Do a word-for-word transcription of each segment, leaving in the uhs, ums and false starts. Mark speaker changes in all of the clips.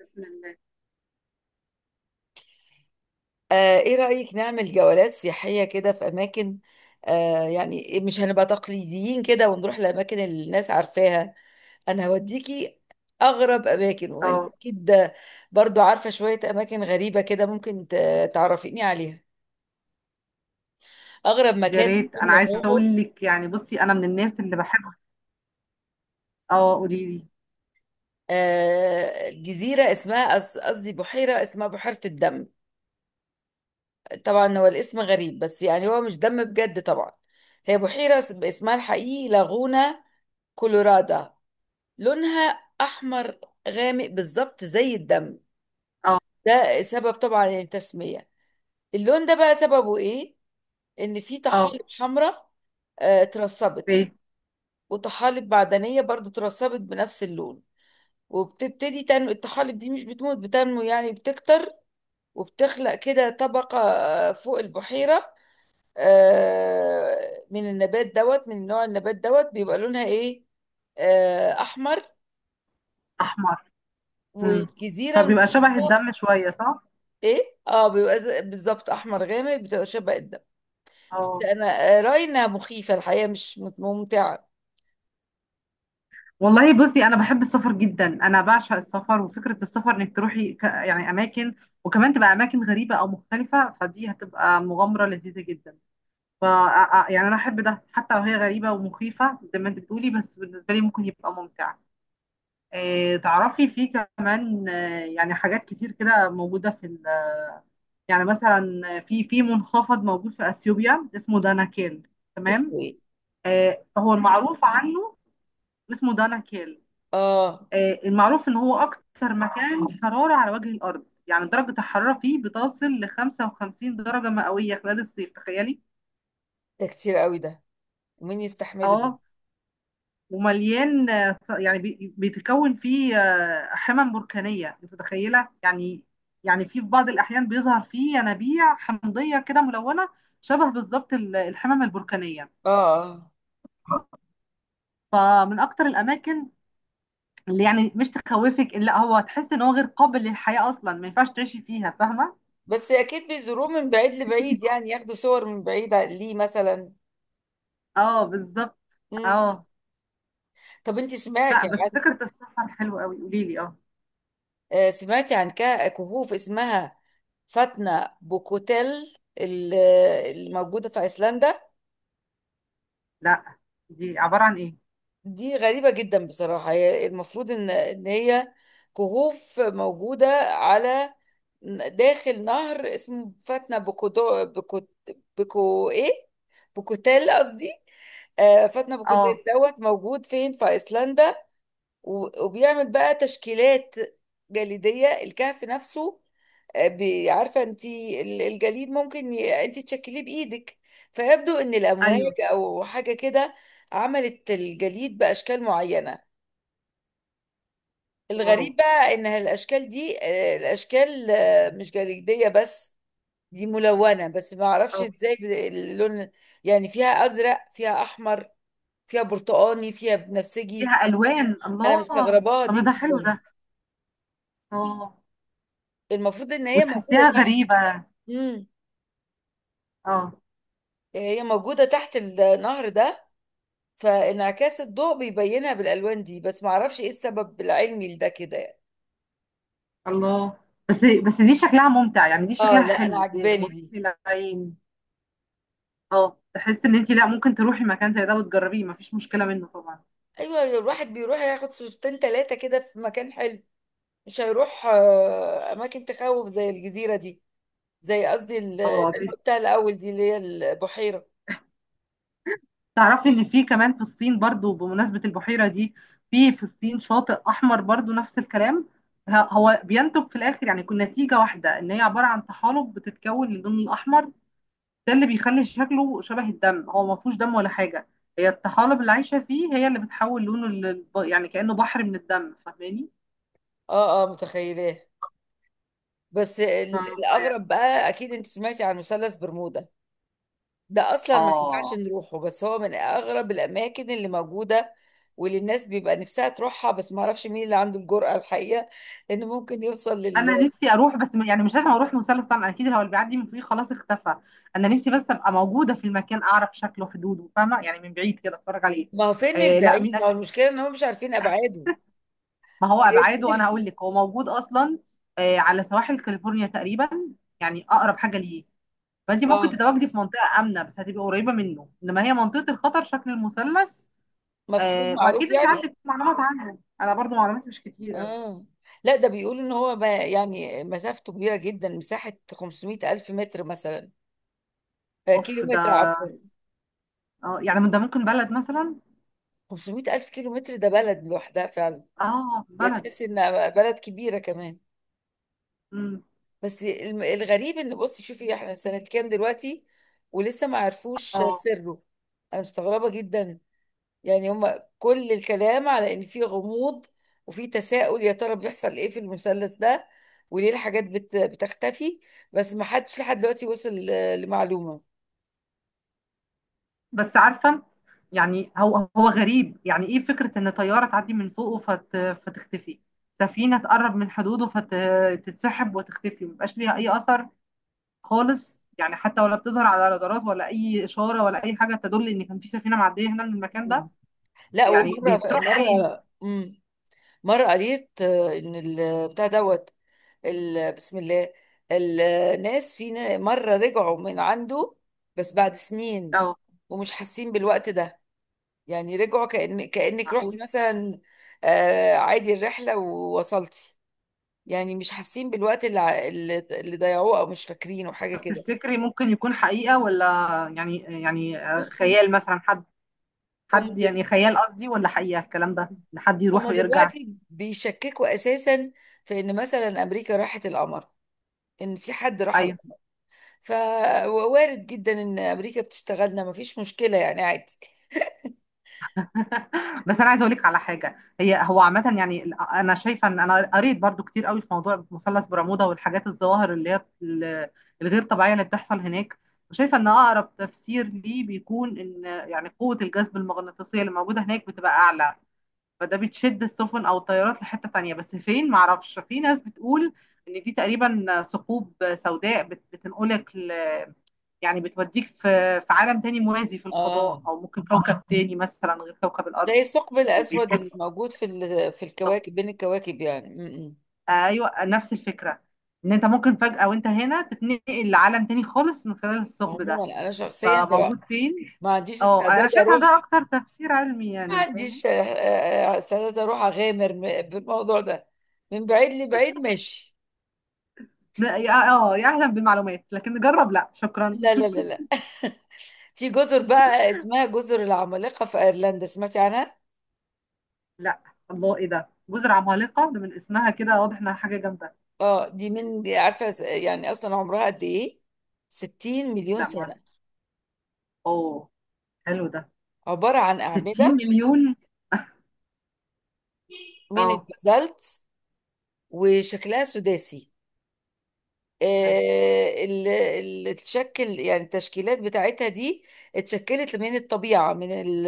Speaker 1: بسم الله.
Speaker 2: آه، ايه رأيك نعمل جولات سياحية كده في اماكن. آه يعني مش هنبقى تقليديين كده ونروح لاماكن اللي الناس عارفاها. انا هوديكي اغرب اماكن، وانت
Speaker 1: اه،
Speaker 2: اكيد برضو عارفة شوية اماكن غريبة كده ممكن ت- تعرفيني عليها. اغرب
Speaker 1: يا
Speaker 2: مكان
Speaker 1: ريت
Speaker 2: ممكن
Speaker 1: انا عايزه
Speaker 2: نروحه
Speaker 1: اقول لك يعني بصي انا من الناس اللي بحب. اه قولي لي.
Speaker 2: آه جزيرة اسمها أص- قصدي بحيرة، اسمها بحيرة الدم. طبعا هو الاسم غريب، بس يعني هو مش دم بجد طبعا. هي بحيرة اسمها الحقيقي لاغونا كولورادا. لونها احمر غامق بالظبط زي الدم.
Speaker 1: اه
Speaker 2: ده سبب طبعا التسمية. اللون ده بقى سببه ايه؟ ان في
Speaker 1: اه
Speaker 2: طحالب حمراء آه، اترسبت،
Speaker 1: ايه
Speaker 2: وطحالب معدنية برضو اترسبت بنفس اللون. وبتبتدي تنمو الطحالب دي، مش بتموت، بتنمو يعني بتكتر. وبتخلق كده طبقة آه، فوق البحيرة. آه، من النبات دوت من نوع النبات دوت بيبقى لونها ايه؟ آه، احمر.
Speaker 1: احمر. امم.
Speaker 2: والجزيرة
Speaker 1: فبيبقى
Speaker 2: المحيطة
Speaker 1: شبه الدم شويه صح؟
Speaker 2: ايه، اه، بيبقى ز- بالظبط احمر غامق، بتبقى شبه الدم. بس
Speaker 1: اه
Speaker 2: انا آه، راينا مخيفه الحقيقه، مش مت- ممتعه.
Speaker 1: والله بصي انا بحب السفر جدا. انا بعشق السفر وفكره السفر انك تروحي ك... يعني اماكن، وكمان تبقى اماكن غريبه او مختلفه فدي هتبقى مغامره لذيذه جدا. ف يعني انا احب ده حتى لو هي غريبه ومخيفه زي ما انت بتقولي بس بالنسبه لي ممكن يبقى ممتع. آه، تعرفي في كمان آه، يعني حاجات كتير كده موجودة في ال- يعني مثلا في في منخفض موجود في اثيوبيا اسمه داناكيل. تمام.
Speaker 2: اسمه ايه؟
Speaker 1: آه، هو المعروف عنه اسمه داناكيل.
Speaker 2: اه،
Speaker 1: آه، المعروف ان هو اكتر مكان حرارة على وجه الارض، يعني درجة الحرارة فيه بتصل ل خمسة وخمسين درجة مئوية خلال الصيف، تخيلي!
Speaker 2: ده كتير قوي ده. ومين يستحمله ده؟
Speaker 1: اه ومليان آه، يعني بي- بيتكون فيه آه، حمم بركانية، انت متخيلة يعني. يعني في في بعض الأحيان بيظهر فيه ينابيع حمضية كده ملونة شبه بالظبط ال- الحمم البركانية.
Speaker 2: اه آه.
Speaker 1: فمن أكتر الأماكن اللي يعني مش تخوفك، إن لا هو تحس إن هو غير قابل للحياة أصلا، ما ينفعش تعيشي فيها، فاهمة؟
Speaker 2: بس اكيد بيزوروه من بعيد لبعيد يعني، ياخدوا صور من بعيد ع- ليه مثلا.
Speaker 1: اه بالظبط.
Speaker 2: امم.
Speaker 1: اه
Speaker 2: طب انت
Speaker 1: لا،
Speaker 2: سمعتي
Speaker 1: بس
Speaker 2: عن
Speaker 1: فكرة السفر حلوة قوي، قوليلي اه.
Speaker 2: آه، سمعتي عن كه- كهوف اسمها فاتنا بوكوتيل ال- الموجوده في ايسلندا؟
Speaker 1: لا، دي عبارة عن ايه؟
Speaker 2: دي غريبة جدا بصراحة. هي المفروض إن إن هي كهوف موجودة على داخل نهر اسمه فاتنة بكودو بكو بكو إيه بكوتيل قصدي. آه فاتنة بكوتيل
Speaker 1: اه
Speaker 2: دوت موجود فين؟ في أيسلندا. و- وبيعمل بقى تشكيلات جليدية الكهف نفسه. بي- عارفه انت ال- الجليد ممكن ي- انت تشكليه بايدك. فيبدو ان الامواج
Speaker 1: ايوه
Speaker 2: او حاجه كده عملت الجليد باشكال معينه.
Speaker 1: واو
Speaker 2: الغريب بقى ان الاشكال دي آه، الاشكال آه، مش جليديه بس، دي ملونه. بس ما اعرفش
Speaker 1: اه
Speaker 2: ازاي ب- اللون. يعني فيها ازرق، فيها احمر، فيها برتقاني، فيها بنفسجي.
Speaker 1: فيها الوان
Speaker 2: انا
Speaker 1: الله.
Speaker 2: مستغرباها دي
Speaker 1: طب ده حلو
Speaker 2: جدا.
Speaker 1: ده. اه
Speaker 2: المفروض ان هي موجوده
Speaker 1: وتحسيها
Speaker 2: تحت.
Speaker 1: غريبه.
Speaker 2: امم.
Speaker 1: اه
Speaker 2: هي موجوده تحت النهر ده، فانعكاس الضوء بيبينها بالالوان دي. بس ما اعرفش ايه السبب العلمي لده كده يعني.
Speaker 1: الله. بس بس دي شكلها ممتع، يعني دي
Speaker 2: اه،
Speaker 1: شكلها
Speaker 2: لا، انا
Speaker 1: حلو
Speaker 2: عجباني
Speaker 1: مريح
Speaker 2: دي.
Speaker 1: للعين. اه تحس ان انت لا ممكن تروحي مكان زي ده وتجربيه مفيش مشكله منه طبعا.
Speaker 2: ايوه، الواحد بيروح ياخد صورتين ثلاثه كده في مكان حلو، مش هيروح آه، اماكن تخوف زي الجزيره دي. زي قصدي ال- اللي
Speaker 1: اه
Speaker 2: أنا
Speaker 1: دي-
Speaker 2: قلتها الاول دي، اللي هي البحيره.
Speaker 1: تعرفي ان في كمان في الصين برضو بمناسبه البحيره دي، في في الصين شاطئ احمر برضو نفس الكلام. ه- هو بينتج في الاخر يعني يكون نتيجه واحده، ان هي عباره عن طحالب بتتكون للون الاحمر. ده اللي بيخلي شكله شبه الدم. هو ما فيهوش دم ولا حاجة، هي الطحالب اللي عايشة فيه هي اللي بتحول لونه لل... يعني كأنه بحر من الدم، فاهماني؟
Speaker 2: اه اه، متخيلاه. بس ال-
Speaker 1: اه فعلا.
Speaker 2: الاغرب بقى، اكيد انت سمعتي عن مثلث برمودا. ده اصلا ما ينفعش
Speaker 1: اه
Speaker 2: نروحه، بس هو من اغرب الاماكن اللي موجوده واللي الناس بيبقى نفسها تروحها. بس ما اعرفش مين اللي عنده الجرأة الحقيقه، لانه ممكن يوصل لل.
Speaker 1: انا نفسي اروح، بس م- يعني مش لازم اروح مثلث طبعا، اكيد هو اللي بيعدي من فوقيه خلاص اختفى. انا نفسي بس ابقى موجوده في المكان، اعرف شكله حدوده، فاهمه؟ يعني من بعيد كده اتفرج عليه.
Speaker 2: ما هو فين
Speaker 1: آه لا،
Speaker 2: البعيد،
Speaker 1: مين قال
Speaker 2: ما هو
Speaker 1: لك؟
Speaker 2: المشكله ان هم مش عارفين ابعاده.
Speaker 1: ما هو ابعاده انا هقول لك، هو موجود اصلا آه على سواحل كاليفورنيا تقريبا، يعني اقرب حاجه ليه. فانت ممكن
Speaker 2: اه،
Speaker 1: تتواجدي في منطقه امنه، بس هتبقي قريبه منه، انما هي منطقه الخطر شكل المثلث.
Speaker 2: مفهوم
Speaker 1: آه
Speaker 2: معروف
Speaker 1: واكيد انت
Speaker 2: يعني.
Speaker 1: عندك معلومات عنه، انا برضو معلوماتي مش كتير قوي.
Speaker 2: اه، لا، ده بيقولوا ان هو ما يعني مسافته كبيره جدا، مساحه خمسمئة الف متر مثلا آه، كيلو
Speaker 1: اوف
Speaker 2: متر
Speaker 1: ده.
Speaker 2: عفوا.
Speaker 1: اه يعني من ده ممكن بلد مثلا.
Speaker 2: خمسمية الف كيلو متر ده بلد لوحدها فعلا،
Speaker 1: اه
Speaker 2: يا
Speaker 1: بلد.
Speaker 2: تحس انها بلد كبيره كمان.
Speaker 1: امم
Speaker 2: بس الم- الغريب ان، بصي شوفي احنا سنة كام دلوقتي ولسه ما عرفوش
Speaker 1: اه.
Speaker 2: سره. انا مستغربة جدا. يعني هما كل الكلام على ان في غموض، وفي تساؤل يا ترى بيحصل ايه في المثلث ده وليه الحاجات بت... بتختفي. بس ما حدش لحد دلوقتي وصل ل- لمعلومة.
Speaker 1: بس عارفه، يعني هو هو غريب، يعني ايه فكره ان طياره تعدي من فوقه فت فتختفي. سفينه تقرب من حدوده فتتسحب وتختفي، مبيبقاش ليها اي اثر خالص، يعني حتى ولا بتظهر على رادارات ولا اي اشاره ولا اي حاجه تدل ان كان في سفينه معديه هنا من المكان ده.
Speaker 2: مم. لا،
Speaker 1: يعني
Speaker 2: ومرة
Speaker 1: بيتروح
Speaker 2: مرة
Speaker 1: فين؟
Speaker 2: مم، مرة قريت آه، ان البتاع دوت ال... بسم الله. الناس في نا- مرة رجعوا من عنده بس بعد سنين،
Speaker 1: اه
Speaker 2: ومش حاسين بالوقت ده. يعني رجعوا كأن كأنك رحت
Speaker 1: معقول.
Speaker 2: مثلا آه، عادي الرحلة ووصلتي. يعني مش حاسين بالوقت اللي ع- اللي اللي ضيعوه، او مش فاكرينه حاجة
Speaker 1: طب
Speaker 2: كده.
Speaker 1: تفتكري ممكن يكون حقيقه، ولا يعني يعني آه،
Speaker 2: بصي،
Speaker 1: خيال مثلا حد،
Speaker 2: هم
Speaker 1: حد
Speaker 2: دل-
Speaker 1: يعني خيال قصدي، ولا حقيقه الكلام ده ان حد يروح
Speaker 2: هما
Speaker 1: ويرجع؟
Speaker 2: دلوقتي بيشككوا اساسا في ان مثلا امريكا راحت القمر، ان في حد راح
Speaker 1: ايوه.
Speaker 2: القمر. فوارد جدا ان امريكا بتشتغلنا، مفيش مشكله يعني عادي.
Speaker 1: بس انا عايزه اقول لك على حاجه، هي هو عامه يعني ال- انا شايفه ان انا قريت برضو كتير قوي في موضوع مثلث برمودا والحاجات الظواهر اللي هي ال- الغير طبيعيه اللي بتحصل هناك، وشايفه ان اقرب تفسير ليه بيكون ان يعني قوه الجذب المغناطيسيه اللي موجوده هناك بتبقى اعلى، فده بتشد السفن او الطيارات لحته تانية، بس فين معرفش. في ناس بتقول ان دي تقريبا ثقوب سوداء بت- بتنقلك ل- يعني بتوديك في في عالم تاني موازي في
Speaker 2: اه،
Speaker 1: الفضاء، او ممكن كوكب تاني مثلا غير كوكب الارض.
Speaker 2: زي الثقب الاسود اللي
Speaker 1: بيتكسر
Speaker 2: موجود في ال- في الكواكب
Speaker 1: بالظبط.
Speaker 2: بين الكواكب يعني م- م.
Speaker 1: ايوه نفس الفكره، ان انت ممكن فجاه وانت هنا تتنقل لعالم تاني خالص من خلال الثقب ده.
Speaker 2: عموما انا شخصيا لو
Speaker 1: فموجود فين؟
Speaker 2: ما عنديش
Speaker 1: اه انا
Speaker 2: استعداد
Speaker 1: شايفه
Speaker 2: اروح.
Speaker 1: ده اكتر تفسير علمي
Speaker 2: ما
Speaker 1: يعني، فاهمه؟
Speaker 2: عنديش آه، آه، آه، استعداد اروح اغامر م- بالموضوع ده. من بعيد لبعيد ماشي.
Speaker 1: لا، يا- اه آه، يا اهلا بالمعلومات لكن نجرب لا شكرا.
Speaker 2: لا لا لا لا. في جزر بقى اسمها جزر العمالقة في ايرلندا، سمعتي عنها؟
Speaker 1: لا. الله ايه ده، جزر عمالقه ده من اسمها كده واضح انها حاجه جامده.
Speaker 2: اه، دي من، دي عارفة يعني اصلا عمرها قد ايه؟ ستين مليون
Speaker 1: لا ما
Speaker 2: سنة.
Speaker 1: اعرف. اه حلو ده.
Speaker 2: عبارة عن
Speaker 1: ستين
Speaker 2: أعمدة
Speaker 1: مليون.
Speaker 2: من
Speaker 1: اه
Speaker 2: البازالت، وشكلها سداسي.
Speaker 1: حلو
Speaker 2: آه، ال- ال- تشكل يعني التشكيلات بتاعتها دي اتشكلت من الطبيعة، من ال-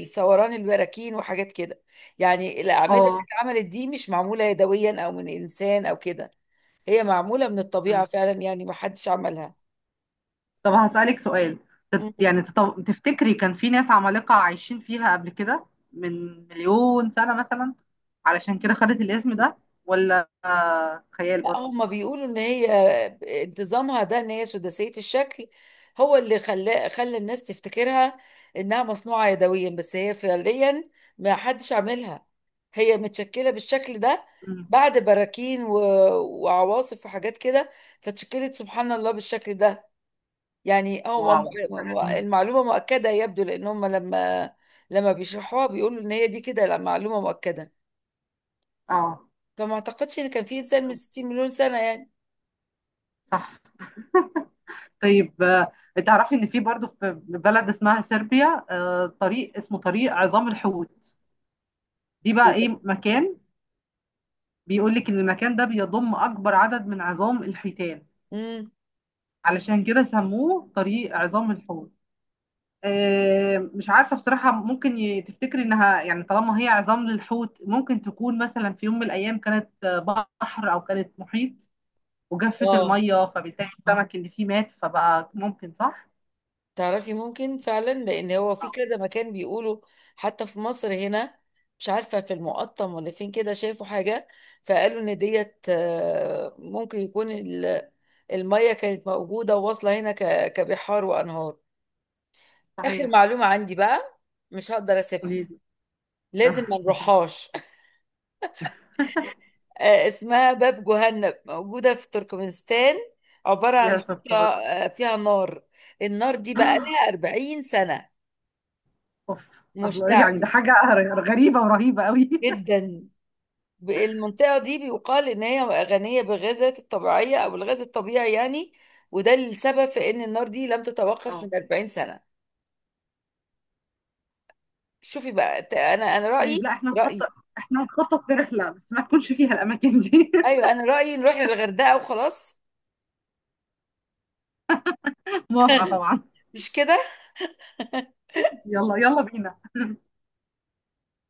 Speaker 2: الثوران البراكين وحاجات كده. يعني الأعمدة اللي
Speaker 1: اه.
Speaker 2: اتعملت دي مش معمولة يدويا أو من إنسان أو كده، هي معمولة من الطبيعة فعلا يعني، ما حدش عملها.
Speaker 1: طب هسألك سؤال، تت- يعني تط- تفتكري كان في ناس عمالقة عايشين فيها قبل كده من مليون سنة مثلا، علشان كده خدت الاسم ده، ولا آه، خيال
Speaker 2: لا،
Speaker 1: برضو؟
Speaker 2: هما بيقولوا ان هي انتظامها ده، ان هي سداسية الشكل، هو اللي خلى خلى الناس تفتكرها انها مصنوعة يدويا. بس هي فعليا ما حدش عاملها، هي متشكلة بالشكل ده
Speaker 1: مم.
Speaker 2: بعد براكين و... وعواصف وحاجات كده. فتشكلت سبحان الله بالشكل ده. يعني هو م-
Speaker 1: واو، حاجة
Speaker 2: م-
Speaker 1: جميلة.
Speaker 2: المعلومة مؤكدة يبدو، لان هم لما لما بيشرحوها بيقولوا ان هي دي كده، لا، معلومة مؤكدة.
Speaker 1: اه
Speaker 2: فما اعتقدش ان كان في انسان من ستين مليون سنة يعني.
Speaker 1: صح. طيب آه، تعرفي ان في برضو في بلد اسمها صربيا آه، طريق اسمه طريق عظام الحوت. دي
Speaker 2: إيه
Speaker 1: بقى ايه مكان، بيقول لك ان المكان ده بيضم اكبر عدد من عظام الحيتان،
Speaker 2: ده؟
Speaker 1: علشان كده سموه طريق عظام الحوت. آه، مش عارفة بصراحة، ممكن ي- تفتكري انها يعني طالما هي عظام للحوت، ممكن تكون مثلا في يوم من الايام كانت آه، بحر او كانت محيط وجفت
Speaker 2: اه،
Speaker 1: المية، فبالتالي السمك اللي فيه مات فبقى، ممكن صح؟
Speaker 2: تعرفي، ممكن فعلا، لان هو في كذا مكان بيقولوا. حتى في مصر هنا، مش عارفه في المقطم ولا فين كده، شافوا حاجه فقالوا ان ديت آه، ممكن يكون ال- الميه كانت موجوده وواصله هنا ك- كبحار وانهار. اخر
Speaker 1: صحيح.
Speaker 2: معلومه عندي بقى، مش هقدر اسيبها.
Speaker 1: قولي لي.
Speaker 2: لازم ما نروحهاش. آه، اسمها باب جهنم، موجوده في تركمانستان. عباره عن
Speaker 1: يا
Speaker 2: حفره
Speaker 1: ستار.
Speaker 2: آه، فيها نار. النار دي بقى لها اربعين سنه
Speaker 1: اوف. الله، يعني ده
Speaker 2: مشتعل
Speaker 1: حاجة غريبة ورهيبة قوي.
Speaker 2: جدا. ب- المنطقة دي بيقال إن هي غنية بالغازات الطبيعية أو الغاز الطبيعي يعني، وده السبب في إن النار دي لم تتوقف
Speaker 1: اه
Speaker 2: من اربعين سنة. شوفي بقى ت- أنا أنا
Speaker 1: طيب
Speaker 2: رأيي
Speaker 1: لا، احنا
Speaker 2: رأيي
Speaker 1: نخطط، احنا نخطط لرحلة بس ما تكونش فيها الاماكن دي.
Speaker 2: أيوه، أنا رأيي نروح للغردقة وخلاص.
Speaker 1: موافقة طبعا.
Speaker 2: مش كده؟
Speaker 1: يلا يلا بينا.